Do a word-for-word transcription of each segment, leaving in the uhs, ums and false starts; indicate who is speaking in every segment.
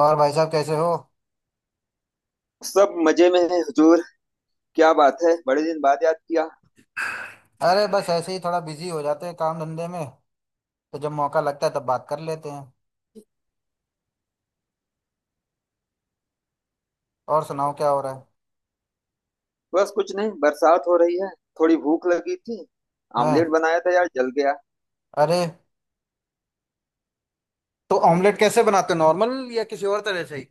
Speaker 1: और भाई साहब कैसे हो?
Speaker 2: सब मजे में है हुजूर। क्या बात है, बड़े दिन बाद याद किया।
Speaker 1: अरे, बस ऐसे ही थोड़ा बिजी हो जाते हैं काम धंधे में। तो जब मौका लगता है तब बात कर लेते हैं। और सुनाओ क्या हो रहा है।
Speaker 2: बस कुछ नहीं, बरसात हो रही है। थोड़ी भूख लगी थी। आमलेट
Speaker 1: हाँ।
Speaker 2: बनाया था यार, जल गया।
Speaker 1: अरे, तो ऑमलेट कैसे बनाते हो, नॉर्मल या किसी और तरह से ही।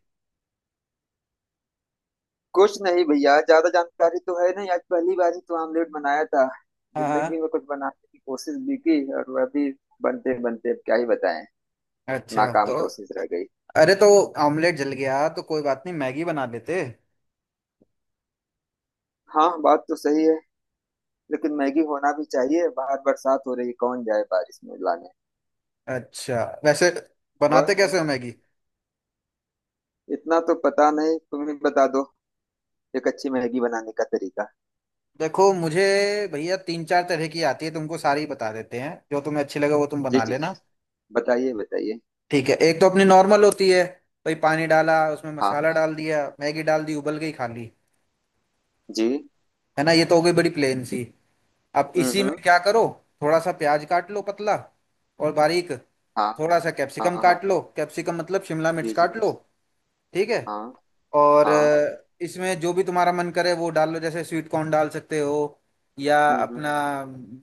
Speaker 2: कुछ नहीं भैया, ज्यादा जानकारी तो है नहीं, आज पहली बार ही तो आमलेट बनाया था।
Speaker 1: हाँ,
Speaker 2: जिंदगी
Speaker 1: हाँ।
Speaker 2: में कुछ बनाने की कोशिश भी की, और वह भी बनते बनते अब क्या ही बताएं।
Speaker 1: अच्छा।
Speaker 2: नाकाम
Speaker 1: तो
Speaker 2: कोशिश रह गई।
Speaker 1: अरे, तो ऑमलेट जल गया तो कोई बात नहीं, मैगी बना लेते।
Speaker 2: हाँ, बात तो सही है। लेकिन मैगी होना भी चाहिए, बाहर बरसात हो रही है, कौन जाए बारिश में लाने।
Speaker 1: अच्छा, वैसे
Speaker 2: और
Speaker 1: बनाते कैसे हो मैगी?
Speaker 2: इतना तो पता नहीं, तुम ही बता दो एक अच्छी मैगी बनाने का तरीका।
Speaker 1: देखो मुझे, भैया तीन चार तरह की आती है, तुमको सारी बता देते हैं, जो तुम्हें अच्छी लगे वो तुम
Speaker 2: जी
Speaker 1: बना
Speaker 2: जी,
Speaker 1: लेना।
Speaker 2: बताइए बताइए।
Speaker 1: ठीक है, एक तो अपनी नॉर्मल होती है। भाई, पानी डाला, उसमें
Speaker 2: हाँ।
Speaker 1: मसाला डाल दिया, मैगी डाल दी, उबल गई, खा ली।
Speaker 2: जी।
Speaker 1: है ना, ये तो हो गई बड़ी प्लेन सी। अब
Speaker 2: हम्म
Speaker 1: इसी में
Speaker 2: हम्म।
Speaker 1: क्या करो, थोड़ा सा प्याज काट लो, पतला और बारीक।
Speaker 2: हाँ।
Speaker 1: थोड़ा सा
Speaker 2: हाँ।
Speaker 1: कैप्सिकम
Speaker 2: हाँ।
Speaker 1: काट लो, कैप्सिकम मतलब शिमला मिर्च
Speaker 2: जी जी।
Speaker 1: काट लो। ठीक है।
Speaker 2: हाँ।
Speaker 1: और
Speaker 2: हाँ।
Speaker 1: अ, इसमें जो भी तुम्हारा मन करे वो डाल लो, जैसे स्वीट कॉर्न डाल सकते हो या
Speaker 2: हम्म हम्म।
Speaker 1: अपना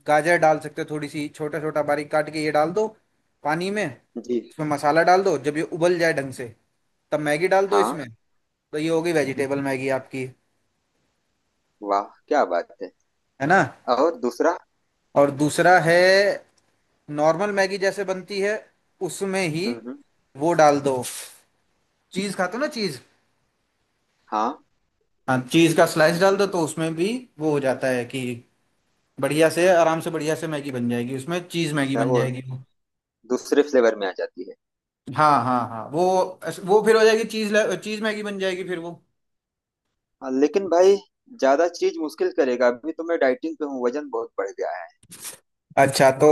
Speaker 1: गाजर डाल सकते हो, थोड़ी सी छोटा छोटा बारीक काट के ये डाल दो। पानी में
Speaker 2: जी
Speaker 1: इसमें मसाला डाल दो, जब ये उबल जाए ढंग से तब मैगी डाल दो
Speaker 2: हाँ।
Speaker 1: इसमें। तो ये हो गई वेजिटेबल
Speaker 2: जी
Speaker 1: मैगी
Speaker 2: हाँ।
Speaker 1: आपकी।
Speaker 2: वाह, क्या बात है।
Speaker 1: है ना।
Speaker 2: और दूसरा?
Speaker 1: और दूसरा है, नॉर्मल मैगी जैसे बनती है उसमें ही
Speaker 2: हम्म, हम्म।
Speaker 1: वो डाल दो। चीज़ खाते हो ना, चीज़।
Speaker 2: हाँ।
Speaker 1: हाँ, चीज़ का स्लाइस डाल दो तो उसमें भी वो हो जाता है कि बढ़िया से, आराम से, बढ़िया से मैगी बन जाएगी, उसमें चीज़ मैगी
Speaker 2: अच्छा,
Speaker 1: बन
Speaker 2: वो
Speaker 1: जाएगी वो।
Speaker 2: दूसरे फ्लेवर में आ जाती है।
Speaker 1: हाँ हाँ हाँ, वो वो फिर हो जाएगी चीज़, चीज़ मैगी बन जाएगी फिर वो।
Speaker 2: हाँ, लेकिन भाई ज्यादा चीज मुश्किल करेगा, अभी तो मैं डाइटिंग पे हूँ, वजन बहुत बढ़ गया है।
Speaker 1: अच्छा, तो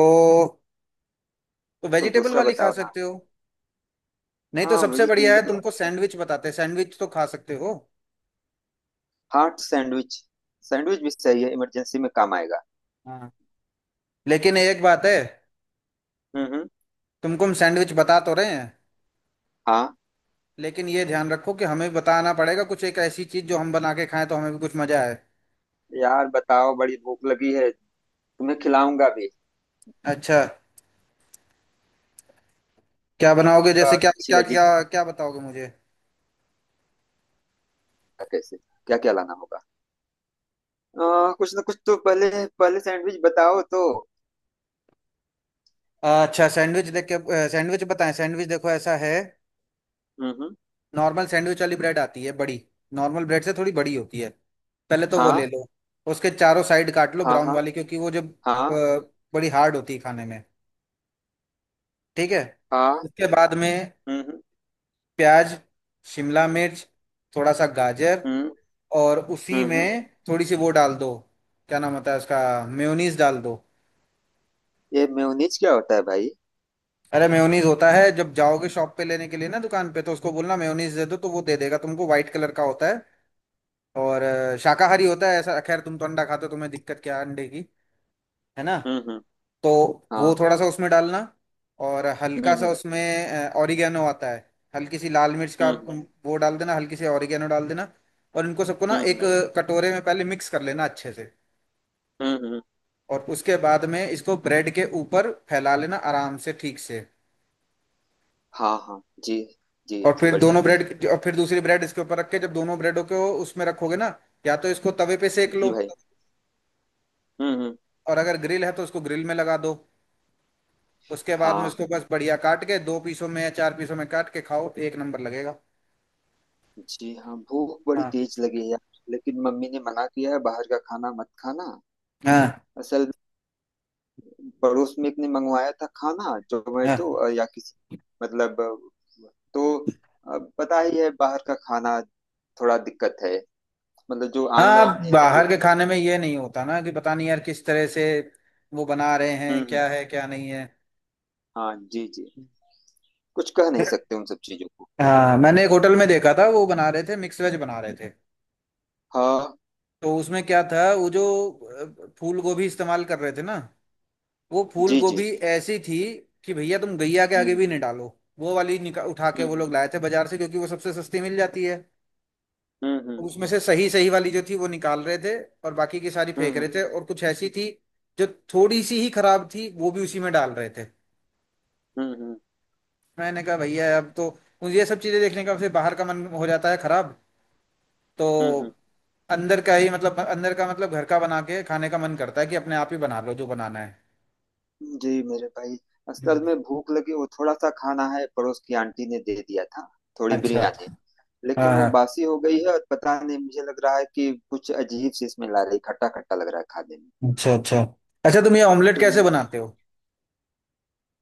Speaker 1: तो
Speaker 2: कुछ
Speaker 1: वेजिटेबल
Speaker 2: दूसरा
Speaker 1: वाली खा
Speaker 2: बताओ ना।
Speaker 1: सकते हो। नहीं तो
Speaker 2: हाँ
Speaker 1: सबसे बढ़िया है,
Speaker 2: वेजिटेबल,
Speaker 1: तुमको सैंडविच बताते हैं, सैंडविच तो खा सकते हो।
Speaker 2: हार्ट सैंडविच, सैंडविच भी सही है, इमरजेंसी में काम आएगा।
Speaker 1: हाँ, लेकिन एक बात है,
Speaker 2: हम्म हम्म।
Speaker 1: तुमको हम सैंडविच बता तो रहे हैं,
Speaker 2: हाँ।
Speaker 1: लेकिन ये ध्यान रखो कि हमें बताना पड़ेगा कुछ, एक ऐसी चीज़ जो हम बना के खाएं तो हमें भी कुछ मज़ा आए।
Speaker 2: यार बताओ, बड़ी भूख लगी है, तुम्हें खिलाऊंगा भी।
Speaker 1: अच्छा, क्या बनाओगे,
Speaker 2: होगा
Speaker 1: जैसे क्या
Speaker 2: अच्छी
Speaker 1: क्या क्या
Speaker 2: लजीज
Speaker 1: क्या बताओगे मुझे।
Speaker 2: कैसे, क्या क्या लाना होगा। आ, कुछ ना कुछ तो पहले, पहले सैंडविच बताओ तो।
Speaker 1: अच्छा, सैंडविच देख के सैंडविच बताएं। सैंडविच देखो ऐसा है,
Speaker 2: हम्म।
Speaker 1: नॉर्मल सैंडविच वाली ब्रेड आती है बड़ी, नॉर्मल ब्रेड से थोड़ी बड़ी होती है। पहले तो वो ले
Speaker 2: हाँ।
Speaker 1: लो, उसके चारों साइड काट लो
Speaker 2: हाँ।
Speaker 1: ब्राउन
Speaker 2: हाँ।
Speaker 1: वाली, क्योंकि वो जब
Speaker 2: हाँ।
Speaker 1: अ, बड़ी हार्ड होती है खाने में। ठीक है।
Speaker 2: हाँ।
Speaker 1: उसके बाद में
Speaker 2: हम्म।
Speaker 1: प्याज, शिमला मिर्च, थोड़ा सा गाजर,
Speaker 2: हम्म
Speaker 1: और उसी
Speaker 2: हम्म।
Speaker 1: में थोड़ी सी वो डाल दो, क्या नाम होता है उसका, मेयोनीज डाल दो।
Speaker 2: ये मेयोनीज क्या होता है भाई?
Speaker 1: अरे, मेयोनीज होता है, जब जाओगे शॉप पे लेने के लिए ना, दुकान पे, तो उसको बोलना मेयोनीज दे दो तो वो दे देगा तुमको, व्हाइट कलर का होता है। और अ, शाकाहारी होता है ऐसा, खैर तुम तो अंडा खाते हो, तुम्हें दिक्कत क्या है अंडे की। है ना।
Speaker 2: हम्म।
Speaker 1: तो वो
Speaker 2: हाँ।
Speaker 1: थोड़ा सा उसमें डालना, और
Speaker 2: हम्म
Speaker 1: हल्का सा
Speaker 2: हम्म।
Speaker 1: उसमें ऑरिगेनो आता है, हल्की सी लाल मिर्च का
Speaker 2: हम्म।
Speaker 1: उम, वो डाल देना, हल्की सी ऑरिगेनो डाल देना। और इनको सबको ना
Speaker 2: हम्म।
Speaker 1: एक
Speaker 2: हम्म,
Speaker 1: अ, कटोरे में पहले मिक्स कर लेना अच्छे से।
Speaker 2: हम्म, हम्म, हम्म।
Speaker 1: और उसके बाद में इसको ब्रेड के ऊपर फैला लेना आराम से, ठीक से।
Speaker 2: हाँ हाँ जी जी।
Speaker 1: और फिर
Speaker 2: बढ़िया।
Speaker 1: दोनों ब्रेड, और फिर दूसरी ब्रेड इसके ऊपर रख के, जब दोनों ब्रेडों को उसमें रखोगे ना, या तो इसको तवे पे सेक लो,
Speaker 2: जी भाई। हम्म हम्म।
Speaker 1: और अगर ग्रिल है तो उसको ग्रिल में लगा दो। उसके बाद में
Speaker 2: हाँ
Speaker 1: उसको बस बढ़िया काट के दो पीसों में या चार पीसों में काट के खाओ, एक नंबर लगेगा।
Speaker 2: जी हाँ, भूख बड़ी
Speaker 1: हाँ
Speaker 2: तेज लगी है यार। लेकिन मम्मी ने मना किया है, बाहर का खाना मत खाना।
Speaker 1: हाँ
Speaker 2: असल, पड़ोस में एक ने मंगवाया था खाना, जोमेटो
Speaker 1: हाँ,
Speaker 2: अ, या किसी मतलब अ, तो अ, पता ही है, बाहर का खाना थोड़ा दिक्कत है, मतलब जो ऑनलाइन
Speaker 1: हाँ
Speaker 2: में है जो।
Speaker 1: बाहर के खाने में ये नहीं होता ना कि पता नहीं यार किस तरह से वो बना रहे
Speaker 2: हम्म
Speaker 1: हैं,
Speaker 2: हम्म,
Speaker 1: क्या है क्या नहीं है।
Speaker 2: हाँ जी जी, कुछ कह नहीं सकते उन सब चीजों को।
Speaker 1: हाँ, मैंने एक होटल में देखा था, वो बना रहे थे मिक्स वेज बना रहे थे।
Speaker 2: हाँ
Speaker 1: तो उसमें क्या था, वो जो अ, फूल गोभी इस्तेमाल कर रहे थे ना, वो फूल
Speaker 2: जी जी।
Speaker 1: गोभी ऐसी थी कि भैया तुम गैया के आगे
Speaker 2: हम्म
Speaker 1: भी नहीं डालो। वो वाली निका उठा के वो
Speaker 2: हम्म
Speaker 1: लोग लाए थे बाजार से, क्योंकि वो सबसे सस्ती मिल जाती है।
Speaker 2: हम्म हम्म
Speaker 1: उसमें से सही सही वाली जो थी वो निकाल रहे थे, और बाकी की सारी फेंक रहे
Speaker 2: हम्म
Speaker 1: थे, और कुछ ऐसी थी जो थोड़ी सी ही खराब थी वो भी उसी में डाल रहे थे।
Speaker 2: हम्म। हम्म हम्म,
Speaker 1: मैंने कहा भैया अब तो मुझे ये सब चीजें देखने का फिर बाहर का मन हो जाता है खराब। तो
Speaker 2: हम्म, हम्म।
Speaker 1: अंदर का ही, मतलब अंदर का मतलब घर का बना के खाने का मन करता है, कि अपने आप ही बना लो जो बनाना है।
Speaker 2: जी मेरे भाई, असल
Speaker 1: हम्म।
Speaker 2: में भूख लगी, वो थोड़ा सा खाना है, पड़ोस की आंटी ने दे दिया था, थोड़ी
Speaker 1: अच्छा।
Speaker 2: बिरयानी।
Speaker 1: हाँ
Speaker 2: लेकिन वो
Speaker 1: हाँ।
Speaker 2: बासी हो गई है और पता नहीं, मुझे लग रहा है कि कुछ अजीब सी इसमें ला रही, खट्टा खट्टा लग रहा है खाने में।
Speaker 1: अच्छा, अच्छा। अच्छा, तुम ये ऑमलेट
Speaker 2: तो
Speaker 1: कैसे बनाते हो?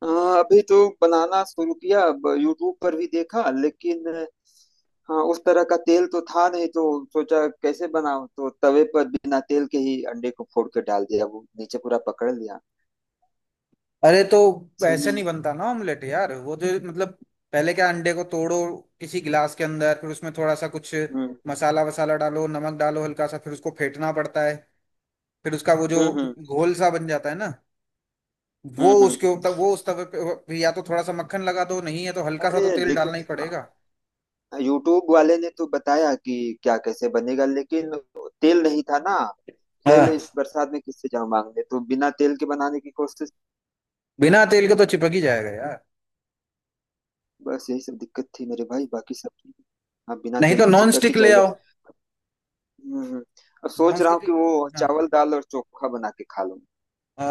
Speaker 2: अ, अभी तो बनाना शुरू किया, अब यूट्यूब पर भी देखा, लेकिन हाँ उस तरह का तेल तो था नहीं, तो सोचा कैसे बनाऊं, तो तवे पर बिना तेल के ही अंडे को फोड़ के डाल दिया, वो नीचे पूरा पकड़ लिया
Speaker 1: अरे, तो ऐसे
Speaker 2: समझ।
Speaker 1: नहीं बनता ना ऑमलेट यार, वो जो मतलब पहले क्या, अंडे को तोड़ो किसी गिलास के अंदर, फिर उसमें थोड़ा सा कुछ
Speaker 2: हम्म
Speaker 1: मसाला वसाला डालो, नमक डालो हल्का सा, फिर उसको फेंटना पड़ता है। फिर उसका वो जो
Speaker 2: हम्म हम्म
Speaker 1: घोल सा बन जाता है ना, वो
Speaker 2: हम्म हम्म।
Speaker 1: उसके ऊपर वो, उस तवे पे या तो थोड़ा सा मक्खन लगा दो, नहीं है तो हल्का सा
Speaker 2: अरे
Speaker 1: तो तेल
Speaker 2: देखो,
Speaker 1: डालना ही पड़ेगा।
Speaker 2: यूट्यूब वाले ने तो बताया कि क्या कैसे बनेगा, लेकिन तेल नहीं था ना, तेल
Speaker 1: हाँ,
Speaker 2: इस बरसात में किससे जाऊं मांगने, तो बिना तेल के बनाने की कोशिश।
Speaker 1: बिना तेल के तो चिपक ही जाएगा यार।
Speaker 2: बस यही सब दिक्कत थी मेरे भाई, बाकी सब ठीक है। हाँ बिना
Speaker 1: नहीं
Speaker 2: तेल
Speaker 1: तो
Speaker 2: की
Speaker 1: नॉन
Speaker 2: चिपक ही
Speaker 1: स्टिक ले
Speaker 2: जाएगा।
Speaker 1: आओ।
Speaker 2: हम्म। अब
Speaker 1: नॉन
Speaker 2: सोच रहा हूँ
Speaker 1: स्टिक।
Speaker 2: कि वो
Speaker 1: हाँ।
Speaker 2: चावल दाल और चोखा बना के खा लूँ।
Speaker 1: अ,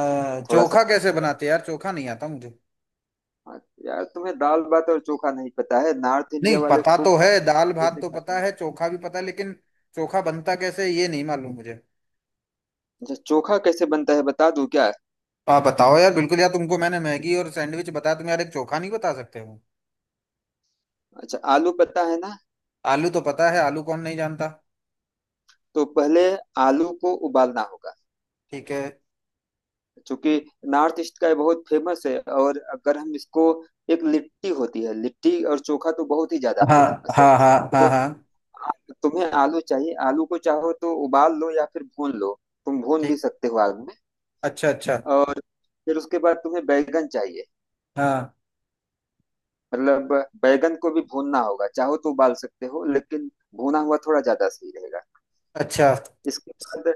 Speaker 2: थोड़ा सा।
Speaker 1: चोखा कैसे बनाते हैं यार, चोखा नहीं आता मुझे।
Speaker 2: हाँ, यार तुम्हें दाल भात और चोखा नहीं पता है, नॉर्थ
Speaker 1: नहीं,
Speaker 2: इंडिया वाले
Speaker 1: पता
Speaker 2: खूब
Speaker 1: तो है,
Speaker 2: खाते
Speaker 1: दाल
Speaker 2: हैं, मजे
Speaker 1: भात
Speaker 2: से
Speaker 1: तो
Speaker 2: खाते
Speaker 1: पता
Speaker 2: हैं।
Speaker 1: है, चोखा भी पता है, लेकिन चोखा बनता कैसे है, ये नहीं मालूम मुझे।
Speaker 2: अच्छा, चोखा कैसे बनता है बता दूं क्या?
Speaker 1: आप बताओ यार, बिल्कुल यार, तुमको मैंने मैगी और सैंडविच बताया, तुम यार एक चोखा नहीं बता सकते हो।
Speaker 2: अच्छा, आलू पता है ना।
Speaker 1: आलू तो पता है, आलू कौन नहीं जानता।
Speaker 2: तो पहले आलू को उबालना होगा,
Speaker 1: ठीक है।
Speaker 2: चूंकि नॉर्थ ईस्ट का ये बहुत फेमस है। और अगर हम इसको, एक लिट्टी होती है, लिट्टी और चोखा तो बहुत ही ज्यादा
Speaker 1: हाँ
Speaker 2: फेमस है।
Speaker 1: हाँ हाँ हाँ।
Speaker 2: तो
Speaker 1: हाँ।
Speaker 2: आ- तुम्हें आलू चाहिए, आलू को चाहो तो उबाल लो या फिर भून लो, तुम भून भी
Speaker 1: ठीक,
Speaker 2: सकते हो आग में।
Speaker 1: अच्छा, अच्छा।
Speaker 2: और फिर उसके बाद तुम्हें बैगन चाहिए,
Speaker 1: हाँ।
Speaker 2: मतलब बैगन को भी भूनना होगा, चाहो तो उबाल सकते हो लेकिन भुना हुआ थोड़ा ज्यादा सही रहेगा।
Speaker 1: अच्छा।
Speaker 2: इसके बाद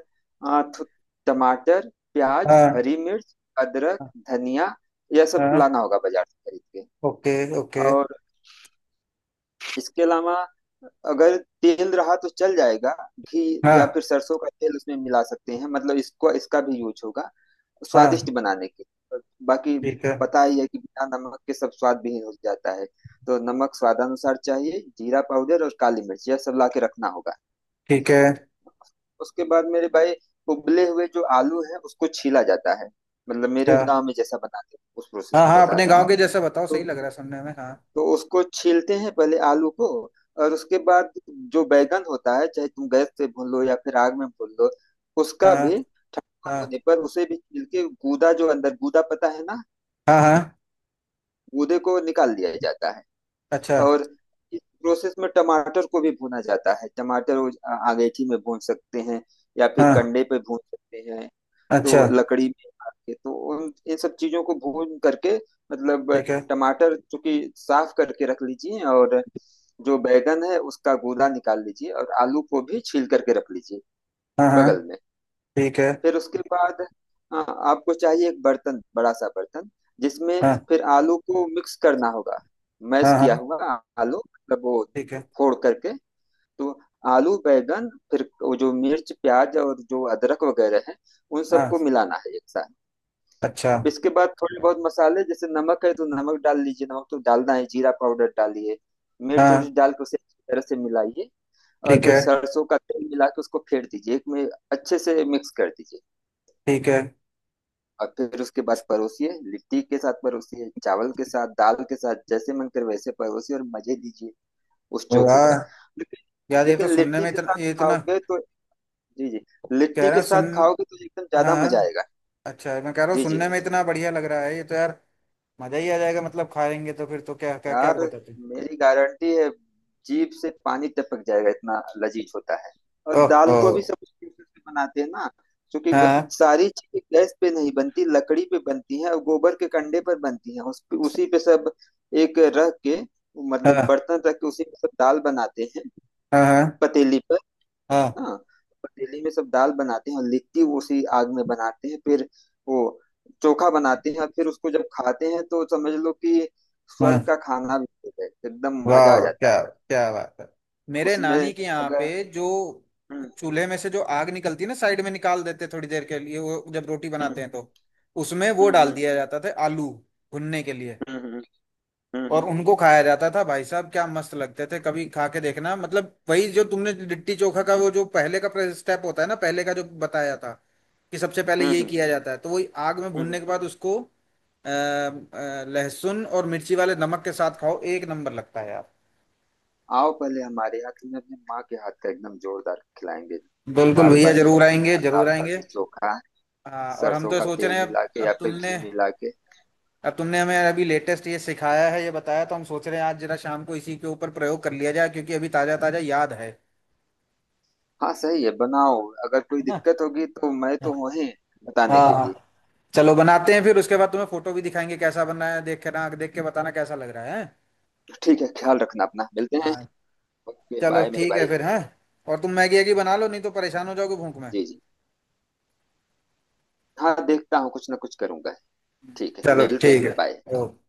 Speaker 2: आ, थु- टमाटर, प्याज,
Speaker 1: हाँ
Speaker 2: हरी मिर्च, अदरक, धनिया, यह सब
Speaker 1: हाँ।
Speaker 2: लाना होगा बाजार से खरीद के।
Speaker 1: Okay, okay.
Speaker 2: और इसके अलावा, अगर तेल रहा तो चल जाएगा, घी या फिर
Speaker 1: हाँ
Speaker 2: सरसों का तेल उसमें मिला सकते हैं, मतलब इसको इसका भी यूज होगा
Speaker 1: हाँ।
Speaker 2: स्वादिष्ट बनाने के। और बाकी
Speaker 1: ठीक है।
Speaker 2: पता ही है कि बिना नमक के सब स्वाद विहीन हो जाता है, तो नमक स्वादानुसार चाहिए, जीरा पाउडर और काली मिर्च यह सब ला के रखना होगा।
Speaker 1: ठीक है।
Speaker 2: उसके बाद मेरे भाई, उबले हुए जो आलू है उसको छीला जाता है, मतलब
Speaker 1: अच्छा।
Speaker 2: मेरे गांव में जैसा बनाते हैं उस प्रोसेस
Speaker 1: हाँ
Speaker 2: को
Speaker 1: हाँ, अपने
Speaker 2: बताता
Speaker 1: गांव
Speaker 2: हूँ।
Speaker 1: के जैसे बताओ, सही
Speaker 2: तो
Speaker 1: लग रहा है सुनने में। हाँ
Speaker 2: तो उसको छीलते हैं पहले आलू को। और उसके बाद, जो बैगन होता है, चाहे तुम गैस से भून लो या फिर आग में भून लो, उसका
Speaker 1: हाँ
Speaker 2: भी ठंडा
Speaker 1: हाँ,
Speaker 2: होने पर उसे भी छील के, गूदा, जो अंदर गूदा पता है ना,
Speaker 1: हाँ हाँ।
Speaker 2: गूदे को निकाल दिया जाता है।
Speaker 1: अच्छा।
Speaker 2: और इस प्रोसेस में टमाटर को भी भुना जाता है, टमाटर वो आ- अमेठी में भून सकते हैं, या फिर
Speaker 1: हाँ।
Speaker 2: कंडे पे भून सकते हैं।
Speaker 1: अच्छा।
Speaker 2: तो लकड़ी में काट के, तो उन इन सब चीजों को भून करके, मतलब
Speaker 1: ठीक है।
Speaker 2: टमाटर चूंकि साफ करके रख लीजिए, और जो बैगन है उसका गूदा निकाल लीजिए, और आलू को भी छील करके रख लीजिए
Speaker 1: हाँ हाँ।
Speaker 2: बगल में।
Speaker 1: ठीक है।
Speaker 2: फिर उसके बाद आ, आपको चाहिए एक बर्तन, बड़ा सा बर्तन जिसमें
Speaker 1: हाँ
Speaker 2: फिर आलू को मिक्स करना होगा, मैश
Speaker 1: हाँ
Speaker 2: किया
Speaker 1: हाँ।
Speaker 2: हुआ आलू, मतलब वो
Speaker 1: ठीक है।
Speaker 2: फोड़ करके। तो आलू, बैगन, फिर वो जो मिर्च प्याज और जो अदरक वगैरह है, उन सबको
Speaker 1: हाँ।
Speaker 2: मिलाना है एक साथ।
Speaker 1: अच्छा।
Speaker 2: अब इसके बाद थोड़े बहुत मसाले, जैसे नमक है तो नमक डाल लीजिए, नमक तो डालना है, जीरा पाउडर डालिए, मिर्च
Speaker 1: हाँ।
Speaker 2: उर्च डाल के उसे अच्छी तरह से मिलाइए। और
Speaker 1: ठीक
Speaker 2: फिर
Speaker 1: है।
Speaker 2: सरसों का तेल मिला के उसको फेर दीजिए एक में, अच्छे से मिक्स कर दीजिए।
Speaker 1: ठीक है।
Speaker 2: और फिर उसके बाद परोसिए, लिट्टी के साथ परोसिए, चावल के साथ, दाल के साथ, जैसे मन करे वैसे परोसिए, और मजे लीजिए उस चोखे का।
Speaker 1: वाह।
Speaker 2: लेकिन
Speaker 1: यार ये तो
Speaker 2: लेकिन
Speaker 1: सुनने
Speaker 2: लिट्टी
Speaker 1: में
Speaker 2: के
Speaker 1: इतना,
Speaker 2: साथ
Speaker 1: ये इतना,
Speaker 2: खाओगे तो। जी जी,
Speaker 1: कह
Speaker 2: लिट्टी
Speaker 1: रहे
Speaker 2: के
Speaker 1: हैं
Speaker 2: साथ
Speaker 1: सुन,
Speaker 2: खाओगे तो एकदम
Speaker 1: हाँ
Speaker 2: ज्यादा मजा
Speaker 1: हाँ,
Speaker 2: आएगा।
Speaker 1: अच्छा, मैं कह रहा हूँ
Speaker 2: जी जी।
Speaker 1: सुनने में इतना बढ़िया लग रहा है ये तो यार। मजा ही आ जाएगा, मतलब खाएंगे तो फिर तो क्या क्या क्या
Speaker 2: यार,
Speaker 1: बताते।
Speaker 2: मेरी गारंटी है, जीभ से पानी टपक जाएगा, इतना लजीज होता है। और दाल को
Speaker 1: ओह।
Speaker 2: भी सब उसी प्रोसेस से बनाते हैं ना, क्योंकि ग-
Speaker 1: हाँ
Speaker 2: सारी चीजें गैस पे नहीं बनती, लकड़ी पे बनती हैं और गोबर के कंडे पर बनती हैं, उस पे, उसी पे सब। एक रख के, मतलब
Speaker 1: हाँ
Speaker 2: बर्तन रख के उसी पे सब दाल बनाते हैं,
Speaker 1: हाँ, हाँ
Speaker 2: पतीली पर।
Speaker 1: हाँ
Speaker 2: हाँ। पतीली में सब दाल बनाते हैं और लिट्टी वो उसी आग में बनाते हैं, फिर वो चोखा बनाते हैं, और फिर उसको जब खाते हैं तो समझ लो कि स्वर्ग
Speaker 1: हाँ।
Speaker 2: का खाना भी हो गया, एकदम
Speaker 1: वाह,
Speaker 2: मजा आ जाता
Speaker 1: क्या
Speaker 2: है।
Speaker 1: क्या बात है। मेरे नानी
Speaker 2: उसमें
Speaker 1: के यहाँ
Speaker 2: अगर।
Speaker 1: पे जो
Speaker 2: हम्म
Speaker 1: चूल्हे में से जो आग निकलती है ना, साइड में निकाल देते थोड़ी देर के लिए, वो जब रोटी
Speaker 2: हम्म
Speaker 1: बनाते हैं तो उसमें वो डाल
Speaker 2: हम्म
Speaker 1: दिया जाता था आलू भुनने के लिए।
Speaker 2: हम्म हम्म हम्म हम्म
Speaker 1: और
Speaker 2: हम्म।
Speaker 1: उनको खाया जाता था भाई साहब, क्या मस्त लगते थे, कभी खा के देखना। मतलब वही जो तुमने लिट्टी चोखा का वो जो पहले का स्टेप होता है ना, पहले का जो बताया था कि सबसे पहले
Speaker 2: हम्म,
Speaker 1: यही
Speaker 2: हम्म,
Speaker 1: किया जाता है, तो वही आग में
Speaker 2: हम्म।
Speaker 1: भुनने के बाद उसको अ, अ, लहसुन और मिर्ची वाले नमक के साथ खाओ, एक नंबर लगता है यार।
Speaker 2: आओ पहले हमारे यहाँ, तुम्हें अपनी माँ के हाथ का एकदम जोरदार खिलाएंगे।
Speaker 1: बिल्कुल
Speaker 2: दाल
Speaker 1: भैया,
Speaker 2: बाटी
Speaker 1: जरूर आएंगे,
Speaker 2: चोखा,
Speaker 1: जरूर
Speaker 2: दाल
Speaker 1: आएंगे।
Speaker 2: बाटी चोखा।
Speaker 1: हाँ, और हम
Speaker 2: सरसों
Speaker 1: तो
Speaker 2: का
Speaker 1: सोच
Speaker 2: तेल
Speaker 1: रहे हैं अब,
Speaker 2: मिला के या
Speaker 1: अब
Speaker 2: फिर घी
Speaker 1: तुमने
Speaker 2: मिला के।
Speaker 1: अब तुमने हमें अभी लेटेस्ट ये सिखाया है, ये बताया, तो हम सोच रहे हैं आज जरा शाम को इसी के ऊपर प्रयोग कर लिया जाए क्योंकि अभी ताजा ताजा याद है।
Speaker 2: हाँ सही है, बनाओ। अगर कोई
Speaker 1: है ना।
Speaker 2: दिक्कत होगी तो मैं तो हूँ ही बताने
Speaker 1: हाँ
Speaker 2: के लिए।
Speaker 1: हाँ। चलो बनाते हैं, फिर उसके बाद तुम्हें फोटो भी दिखाएंगे कैसा बन रहा है, देख के ना देख के बताना कैसा लग रहा है, हैं?
Speaker 2: ठीक है, ख्याल रखना अपना, मिलते हैं।
Speaker 1: हाँ,
Speaker 2: ओके
Speaker 1: चलो
Speaker 2: बाय मेरे
Speaker 1: ठीक है
Speaker 2: भाई।
Speaker 1: फिर। हाँ, और तुम मैगी वैगी बना लो नहीं तो परेशान हो जाओगे भूख में।
Speaker 2: जी जी। हाँ देखता हूँ, कुछ ना कुछ करूंगा। ठीक है,
Speaker 1: चलो
Speaker 2: मिलते
Speaker 1: ठीक
Speaker 2: हैं,
Speaker 1: है।
Speaker 2: बाय।
Speaker 1: ओके।